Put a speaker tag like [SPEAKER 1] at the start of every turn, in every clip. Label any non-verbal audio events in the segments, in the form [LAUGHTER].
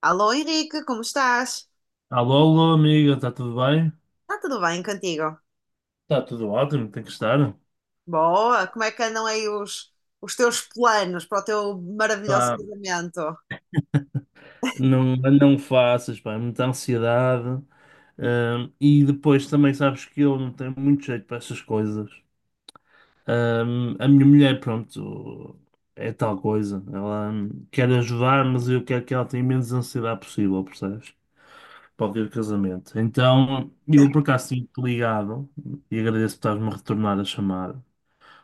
[SPEAKER 1] Alô Henrique, como estás?
[SPEAKER 2] Alô, alô, amiga, está tudo bem?
[SPEAKER 1] Está tudo bem contigo?
[SPEAKER 2] Está tudo ótimo, tem que estar.
[SPEAKER 1] Boa, como é que andam aí os teus planos para o teu maravilhoso
[SPEAKER 2] Pá,
[SPEAKER 1] casamento?
[SPEAKER 2] não faças, pá, é muita ansiedade. E depois também sabes que eu não tenho muito jeito para essas coisas. A minha mulher, pronto, é tal coisa. Ela quer ajudar, mas eu quero que ela tenha menos ansiedade possível, percebes? Para o dia do casamento. Então, eu por acaso tinha ligado e agradeço por estás-me a retornar a chamada,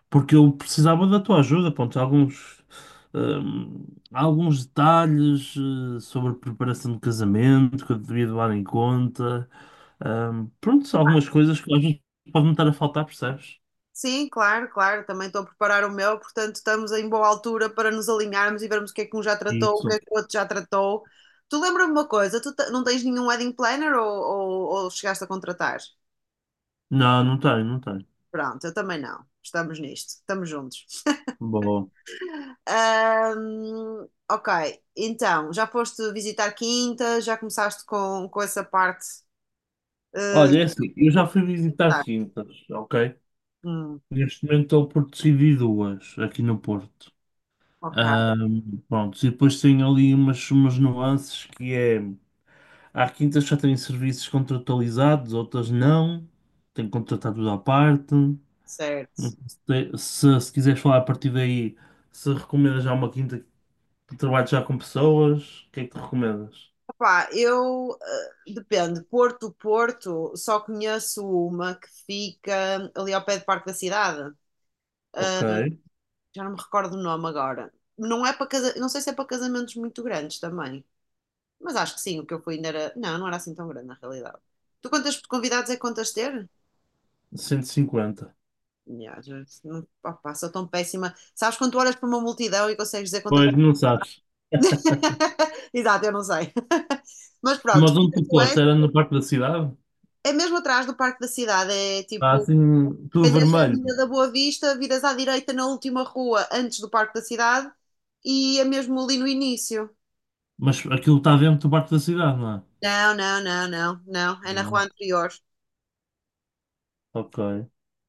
[SPEAKER 2] porque eu precisava da tua ajuda, pronto, alguns, hum, alguns detalhes sobre a preparação de casamento que eu devia levar em conta, pronto, algumas coisas que às vezes podem estar a faltar, percebes?
[SPEAKER 1] Sim, claro, claro, também estou a preparar o meu, portanto estamos em boa altura para nos alinharmos e vermos o que é que um já tratou, o que é
[SPEAKER 2] Isso.
[SPEAKER 1] que o outro já tratou. Tu lembra-me uma coisa, não tens nenhum wedding planner ou chegaste a contratar?
[SPEAKER 2] Não, não tenho, não tenho.
[SPEAKER 1] Pronto, eu também não, estamos nisto, estamos juntos.
[SPEAKER 2] Bom.
[SPEAKER 1] Ok, então, já foste visitar Quinta, já começaste com essa parte. eh,
[SPEAKER 2] Olha, é assim, eu já fui visitar
[SPEAKER 1] tá.
[SPEAKER 2] quintas, ok?
[SPEAKER 1] Hum,
[SPEAKER 2] Neste momento estou por decidir duas aqui no Porto.
[SPEAKER 1] ok,
[SPEAKER 2] Pronto, e depois tem ali umas, umas nuances que é. Há quintas que já têm serviços contratualizados, outras não. Tem que contratar tudo à parte.
[SPEAKER 1] certo.
[SPEAKER 2] Se quiseres falar a partir daí, se recomendas já uma quinta que trabalhe já com pessoas, o que é que tu recomendas?
[SPEAKER 1] Opá, eu, depende, Porto, só conheço uma que fica ali ao pé do Parque da Cidade.
[SPEAKER 2] Ok,
[SPEAKER 1] Ah, já não me recordo o nome agora. Não é para casa, não sei se é para casamentos muito grandes também, mas acho que sim, o que eu fui ainda era. Não, não era assim tão grande na realidade. Tu quantas convidados é que contas ter?
[SPEAKER 2] 150.
[SPEAKER 1] Ya, já- se não- opá, sou tão péssima. Sabes quando tu olhas para uma multidão e consegues dizer quantas.
[SPEAKER 2] Pois, não sabes.
[SPEAKER 1] [LAUGHS] Exato, eu não sei. [LAUGHS] Mas pronto,
[SPEAKER 2] Mas onde tu
[SPEAKER 1] tu és,
[SPEAKER 2] posto? Era no parque da cidade?
[SPEAKER 1] é mesmo atrás do Parque da Cidade. É
[SPEAKER 2] Está
[SPEAKER 1] tipo,
[SPEAKER 2] assim,
[SPEAKER 1] quem
[SPEAKER 2] tudo
[SPEAKER 1] desce a Avenida
[SPEAKER 2] vermelho.
[SPEAKER 1] da Boa Vista, viras à direita na última rua antes do Parque da Cidade e é mesmo ali no início.
[SPEAKER 2] Mas aquilo está dentro do parque da cidade, não é?
[SPEAKER 1] Não. É na rua
[SPEAKER 2] Não.
[SPEAKER 1] anterior.
[SPEAKER 2] Ok.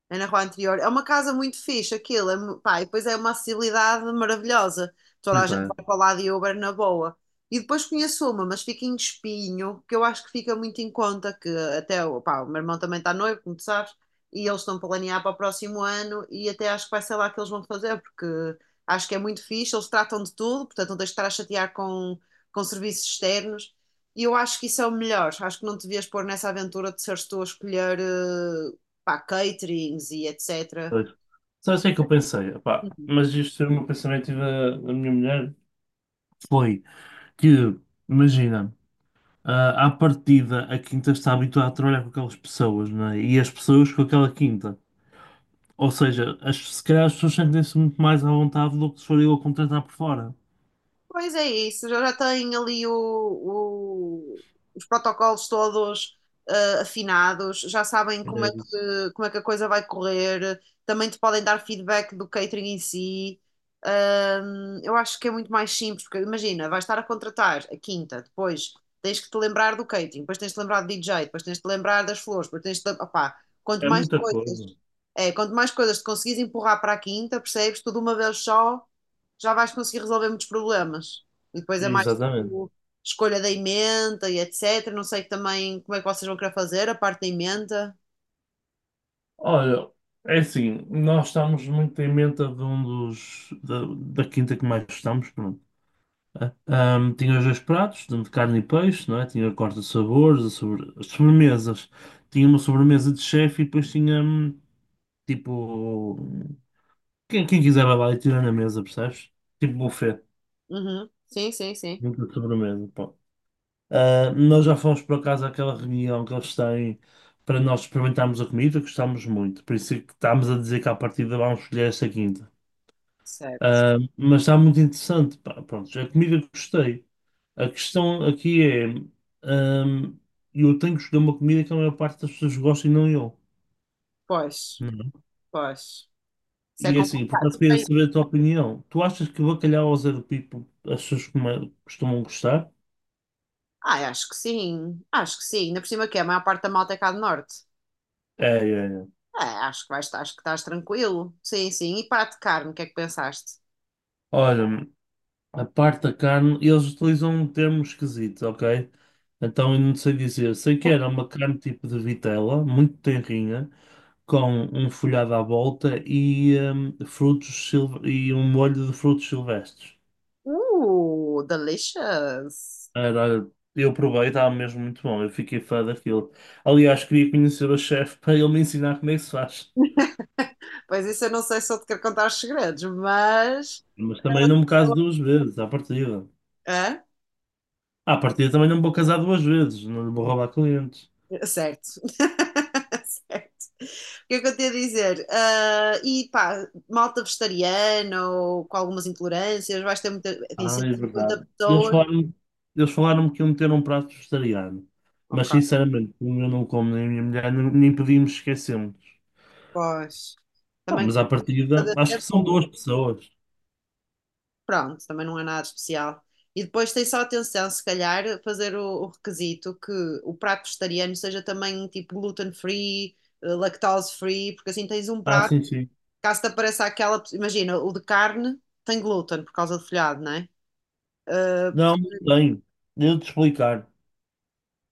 [SPEAKER 1] É na rua anterior. É uma casa muito fixe, aquilo. É, pá, e depois é uma acessibilidade maravilhosa. Toda a
[SPEAKER 2] Pois
[SPEAKER 1] gente
[SPEAKER 2] é.
[SPEAKER 1] vai para lá de Uber na boa. E depois conheço uma, mas fica em Espinho, que eu acho que fica muito em conta, que até o meu irmão também está noivo, como tu sabes, e eles estão a planear para o próximo ano, e até acho que vai ser lá que eles vão fazer, porque acho que é muito fixe, eles tratam de tudo, portanto não tens de estar a chatear com serviços externos, e eu acho que isso é o melhor. Acho que não te devias pôr nessa aventura de seres tu a escolher caterings e etc.
[SPEAKER 2] Pois. Sabes o que é que eu pensei? Epá, mas isto foi o meu pensamento e da minha mulher, foi que, imagina, à partida a quinta está habituada a trabalhar com aquelas pessoas, né? E as pessoas com aquela quinta. Ou seja, as, se calhar as pessoas sentem-se muito mais à vontade do que se for eu a contratar por fora.
[SPEAKER 1] Pois é isso, já têm ali os protocolos todos afinados, já sabem
[SPEAKER 2] É isso.
[SPEAKER 1] como é que a coisa vai correr, também te podem dar feedback do catering em si. Eu acho que é muito mais simples, porque imagina, vais estar a contratar a quinta, depois tens que te lembrar do catering, depois tens de te lembrar do DJ, depois tens de te lembrar das flores, depois tens de. Te- Opá, quanto
[SPEAKER 2] É
[SPEAKER 1] mais
[SPEAKER 2] muita
[SPEAKER 1] coisas,
[SPEAKER 2] coisa.
[SPEAKER 1] é, quanto mais coisas te conseguires empurrar para a quinta, percebes? Tudo uma vez só já vais conseguir resolver muitos problemas. E depois é mais
[SPEAKER 2] Exatamente.
[SPEAKER 1] tipo escolha da ementa e etc. Não sei também como é que vocês vão querer fazer a parte da emenda.
[SPEAKER 2] Olha, é assim, nós estamos muito em menta de um dos da, da quinta que mais gostamos, pronto. Tinha os dois pratos, de carne e peixe, não é? Tinha a corte de sabores, a sobre... as sobremesas. Tinha uma sobremesa de chefe e depois tinha tipo. Quem quiser vai lá e tira na mesa, percebes? Tipo buffet,
[SPEAKER 1] Uhum. Sim, sim, sim.
[SPEAKER 2] junto de sobremesa, pá. Ah, nós já fomos por acaso àquela reunião que eles têm para nós experimentarmos a comida, gostámos muito. Por isso é que estamos a dizer que à partida vamos escolher esta quinta.
[SPEAKER 1] Certo.
[SPEAKER 2] Ah, mas está muito interessante, pá. Pronto, a comida que gostei. A questão aqui é, hum, eu tenho que escolher uma comida que a maior parte das pessoas gosta e não eu.
[SPEAKER 1] Pois,
[SPEAKER 2] Uhum.
[SPEAKER 1] pois. Isso é
[SPEAKER 2] E é assim, por
[SPEAKER 1] complicado.
[SPEAKER 2] acaso queria saber a tua opinião. Tu achas que bacalhau ao Zé do Pipo as pessoas costumam gostar?
[SPEAKER 1] Ah, acho que sim. Acho que sim. Ainda por cima que é, a maior parte da malta é cá do norte.
[SPEAKER 2] É, é, é.
[SPEAKER 1] É, acho que vais, acho que estás tranquilo. Sim, sim. E prato de carne, o que é que pensaste?
[SPEAKER 2] Olha, a parte da carne, eles utilizam um termo esquisito, ok? Então eu não sei dizer. Sei que era uma carne tipo de vitela, muito tenrinha, com um folhado à volta e, e um molho de frutos silvestres.
[SPEAKER 1] Delicious!
[SPEAKER 2] Era, olha, eu provei, estava mesmo muito bom. Eu fiquei fã daquilo. Aliás, queria conhecer o chefe para ele me ensinar como é que se faz.
[SPEAKER 1] Pois isso eu não sei se eu te quero contar os segredos, mas.
[SPEAKER 2] Mas também não me caso duas vezes, à partida.
[SPEAKER 1] Hã?
[SPEAKER 2] À partida também não me vou casar duas vezes, não lhe vou roubar clientes.
[SPEAKER 1] Certo. [LAUGHS] Certo. O que é que eu tenho a dizer? Ah, e pá, malta vegetariana ou com algumas intolerâncias, vais ter muita. Tem
[SPEAKER 2] Ah, é
[SPEAKER 1] 150
[SPEAKER 2] verdade.
[SPEAKER 1] pessoas.
[SPEAKER 2] Eles falaram-me que iam ter um prato vegetariano. Mas
[SPEAKER 1] Ok,
[SPEAKER 2] sinceramente, como eu não como nem a minha mulher, nem podíamos esquecê.
[SPEAKER 1] pois.
[SPEAKER 2] Ah,
[SPEAKER 1] Também com
[SPEAKER 2] mas à partida, acho que
[SPEAKER 1] ter
[SPEAKER 2] são
[SPEAKER 1] fome.
[SPEAKER 2] duas pessoas.
[SPEAKER 1] Pronto, também não é nada especial. E depois tem só atenção, se calhar, fazer o requisito que o prato vegetariano seja também tipo gluten-free, lactose-free, porque assim tens um
[SPEAKER 2] Ah,
[SPEAKER 1] prato,
[SPEAKER 2] sim, sim.
[SPEAKER 1] caso te apareça aquela. Imagina, o de carne tem glúten por causa do folhado, né?
[SPEAKER 2] Não, não tenho. Devo-te explicar.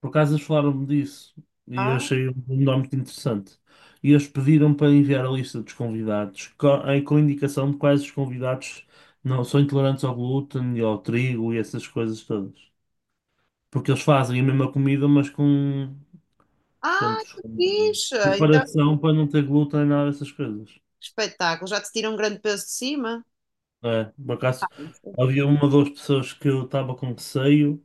[SPEAKER 2] Por acaso eles falaram-me disso e eu
[SPEAKER 1] ah,
[SPEAKER 2] achei um nome muito interessante. E eles pediram para enviar a lista dos convidados com indicação de quais os convidados não são intolerantes ao glúten e ao trigo e essas coisas todas. Porque eles fazem a mesma comida, mas com,
[SPEAKER 1] ah,
[SPEAKER 2] pronto,
[SPEAKER 1] que
[SPEAKER 2] com
[SPEAKER 1] fixe! Então,
[SPEAKER 2] preparação para não ter glúten e nada dessas coisas.
[SPEAKER 1] que espetáculo! Já te tira um grande peso de cima?
[SPEAKER 2] É, por
[SPEAKER 1] Ah,
[SPEAKER 2] acaso havia uma ou duas pessoas que eu estava com receio.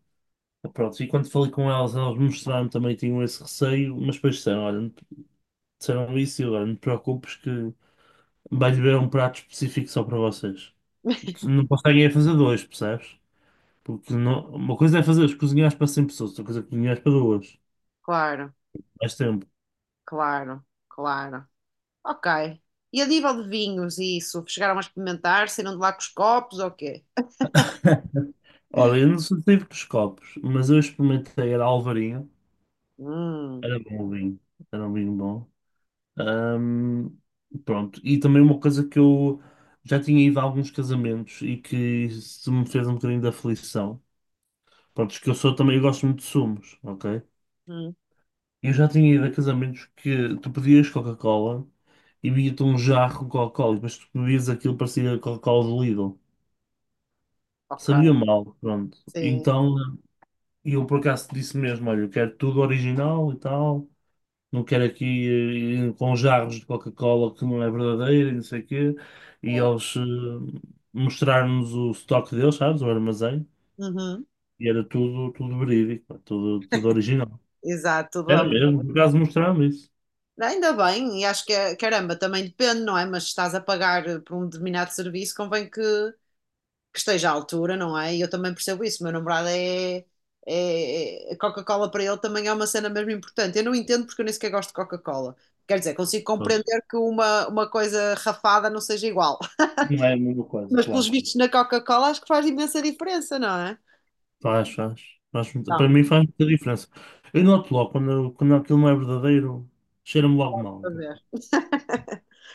[SPEAKER 2] Pronto, e quando falei com elas, elas mostraram também tinham esse receio, mas depois disseram, olha, são isso, agora não te preocupes que vais ver um prato específico só para vocês. Não conseguem é fazer dois, percebes? Porque não- uma coisa é fazer, cozinhares para 100 pessoas, outra coisa é cozinhares para duas.
[SPEAKER 1] claro,
[SPEAKER 2] Mais tempo.
[SPEAKER 1] claro, claro. Ok. E a nível de vinhos e isso? Chegaram a experimentar? Saíram de lá com os copos ou quê?
[SPEAKER 2] [LAUGHS] Ora, eu não sou tipo dos copos, mas eu experimentei, era Alvarinho,
[SPEAKER 1] Hum,
[SPEAKER 2] era bom o vinho, era um vinho bom. Ahm, Pronto, e também uma coisa que eu já tinha ido a alguns casamentos e que se me fez um bocadinho de aflição. Pronto, que eu sou também, eu gosto muito de sumos, ok?
[SPEAKER 1] hum,
[SPEAKER 2] Eu já tinha ido a casamentos que tu pedias Coca-Cola e vinha-te um jarro de Coca-Cola e depois tu bebias aquilo, parecia Coca-Cola do Lidl.
[SPEAKER 1] ok.
[SPEAKER 2] Sabia mal, pronto.
[SPEAKER 1] Sim.
[SPEAKER 2] Então eu por acaso disse mesmo, olha, eu quero tudo original e tal, não quero aqui com jarros de Coca-Cola que não é verdadeira e não sei o quê. E
[SPEAKER 1] É.
[SPEAKER 2] eles, mostraram-nos o estoque deles, sabes, o armazém,
[SPEAKER 1] Uhum,
[SPEAKER 2] e era tudo, tudo verídico, pá, tudo, tudo original.
[SPEAKER 1] exato,
[SPEAKER 2] Era
[SPEAKER 1] vamos.
[SPEAKER 2] mesmo, por acaso mostraram isso.
[SPEAKER 1] Ainda bem, e acho que, caramba, também depende, não é? Mas se estás a pagar por um determinado serviço, convém que esteja à altura, não é? E eu também percebo isso. Meu namorado é. Coca-Cola para ele também é uma cena mesmo importante. Eu não entendo porque eu nem sequer gosto de Coca-Cola. Quer dizer, consigo
[SPEAKER 2] Pois.
[SPEAKER 1] compreender que uma coisa rafada não seja igual. [LAUGHS]
[SPEAKER 2] Não é a mesma coisa,
[SPEAKER 1] Mas pelos
[SPEAKER 2] claro.
[SPEAKER 1] vistos na Coca-Cola acho que faz imensa diferença, não é?
[SPEAKER 2] Faz, faz. Faz muito, para
[SPEAKER 1] Então,
[SPEAKER 2] mim faz muita diferença. Eu noto logo quando, quando aquilo não é verdadeiro, cheira-me logo mal.
[SPEAKER 1] a ver.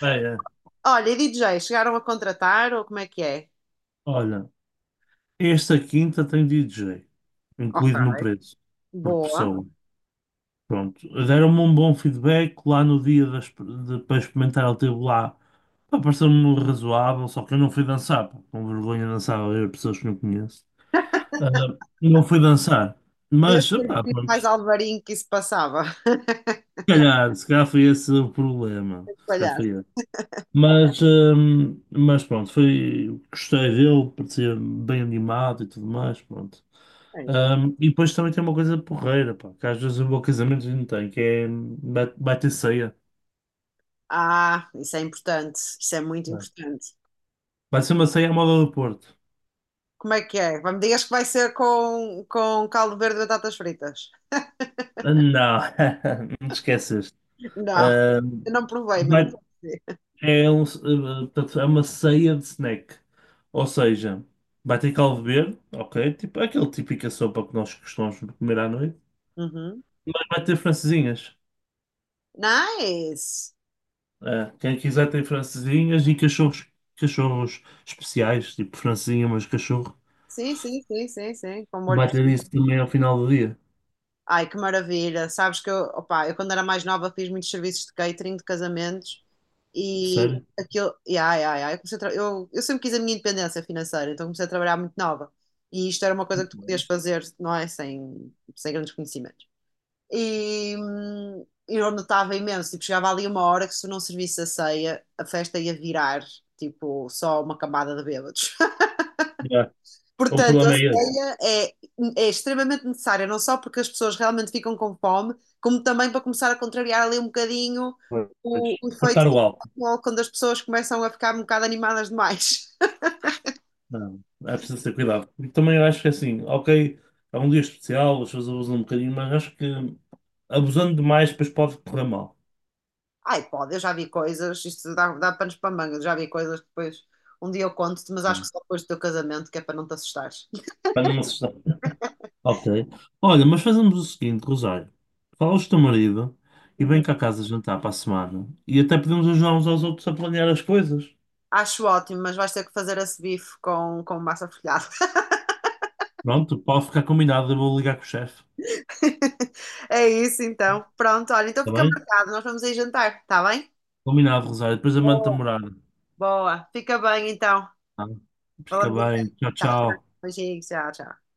[SPEAKER 2] É, é.
[SPEAKER 1] Olha, e DJ, chegaram a contratar ou como é que é?
[SPEAKER 2] Olha, esta quinta tem DJ,
[SPEAKER 1] Ok,
[SPEAKER 2] incluído no preço, por
[SPEAKER 1] boa.
[SPEAKER 2] pessoa. Pronto. Deram-me um bom feedback lá no dia para experimentar, ele teve lá. Pá, pareceu-me razoável, só que eu não fui dançar, pá, com vergonha de dançar a ver pessoas que não conheço. Ah, não fui dançar,
[SPEAKER 1] Deves
[SPEAKER 2] mas,
[SPEAKER 1] ter
[SPEAKER 2] pá,
[SPEAKER 1] dito mais
[SPEAKER 2] pronto.
[SPEAKER 1] Alvarinho que isso passava. [LAUGHS]
[SPEAKER 2] Se calhar, se calhar foi esse o problema. Se calhar
[SPEAKER 1] Olha,
[SPEAKER 2] foi esse. Mas pronto, foi, gostei dele, parecia bem animado e tudo mais, pronto.
[SPEAKER 1] olha isso.
[SPEAKER 2] E depois também tem uma coisa porreira, pá, que às vezes o meu casamento não tem, que é, vai, vai ter ceia.
[SPEAKER 1] Ah, isso é importante. Isso é muito
[SPEAKER 2] Não.
[SPEAKER 1] importante.
[SPEAKER 2] Vai ser uma ceia à moda do Porto.
[SPEAKER 1] Como é que é? Me digas que vai ser com caldo verde e batatas fritas.
[SPEAKER 2] Ah, não, [LAUGHS] não te esqueces.
[SPEAKER 1] Não,
[SPEAKER 2] Hum,
[SPEAKER 1] eu não provei, mas não
[SPEAKER 2] vai,
[SPEAKER 1] sei.
[SPEAKER 2] é, um, eh, Portanto, é uma ceia de snack. Ou seja, vai ter caldo verde, ok? Tipo, é aquele típica sopa que nós costumamos comer à noite.
[SPEAKER 1] Uhum.
[SPEAKER 2] Vai ter francesinhas.
[SPEAKER 1] Nice!
[SPEAKER 2] É, quem quiser tem francesinhas e cachorros, cachorros especiais, tipo francesinha, mas cachorro.
[SPEAKER 1] Sim, sim, sim, sim, sim, com molho
[SPEAKER 2] Vai
[SPEAKER 1] por
[SPEAKER 2] ter
[SPEAKER 1] cima.
[SPEAKER 2] isso também ao final do dia,
[SPEAKER 1] Ai, que maravilha! Sabes que eu, opá, eu quando era mais nova fiz muitos serviços de catering de casamentos e
[SPEAKER 2] sério?
[SPEAKER 1] aquilo. E, ai, ai, ai, eu, eu sempre quis a minha independência financeira, então comecei a trabalhar muito nova. E isto era uma coisa que tu podias fazer, não é? Sem grandes conhecimentos. E, eu notava imenso, tipo, chegava ali uma hora que se não servisse a ceia, a festa ia virar, tipo, só uma camada de bêbados.
[SPEAKER 2] Yeah.
[SPEAKER 1] [LAUGHS]
[SPEAKER 2] O
[SPEAKER 1] Portanto, a
[SPEAKER 2] problema é ele.
[SPEAKER 1] ceia é, é extremamente necessária, não só porque as pessoas realmente ficam com fome, como também para começar a contrariar ali um bocadinho
[SPEAKER 2] Pois.
[SPEAKER 1] o efeito
[SPEAKER 2] Cortar
[SPEAKER 1] do
[SPEAKER 2] o álcool.
[SPEAKER 1] futebol, quando as pessoas começam a ficar um bocado animadas demais.
[SPEAKER 2] Não, é preciso ter cuidado. E também eu acho que é assim, ok, é um dia especial, as pessoas abusam um bocadinho, mas acho que abusando demais depois pode correr mal.
[SPEAKER 1] [LAUGHS] Ai, pode, eu já vi coisas, isto dá panos para manga, eu já vi coisas que depois um dia eu conto-te, mas acho
[SPEAKER 2] É.
[SPEAKER 1] que só depois do teu casamento, que é para não te assustares. [LAUGHS]
[SPEAKER 2] Para numa sexta. Ok. Olha, mas fazemos o seguinte, Rosário. Fala ao teu marido e vem
[SPEAKER 1] Uhum.
[SPEAKER 2] cá a casa jantar para a semana. E até podemos ajudar uns aos outros a planear as coisas.
[SPEAKER 1] Acho ótimo, mas vais ter que fazer esse bife com massa folhada.
[SPEAKER 2] Pronto, pode ficar combinado. Eu vou ligar com o chefe.
[SPEAKER 1] [LAUGHS] É isso então. Pronto, olha, então
[SPEAKER 2] Está
[SPEAKER 1] fica
[SPEAKER 2] bem?
[SPEAKER 1] marcado. Nós vamos aí jantar, está bem?
[SPEAKER 2] Combinado, Rosário. Depois eu mando-te a
[SPEAKER 1] Boa.
[SPEAKER 2] morada.
[SPEAKER 1] Boa. Fica bem então.
[SPEAKER 2] Tá? Fica
[SPEAKER 1] Falamos em
[SPEAKER 2] bem.
[SPEAKER 1] breve.
[SPEAKER 2] Tchau,
[SPEAKER 1] Tchau, tchau.
[SPEAKER 2] tchau.
[SPEAKER 1] Beijinhos, tchau, tchau.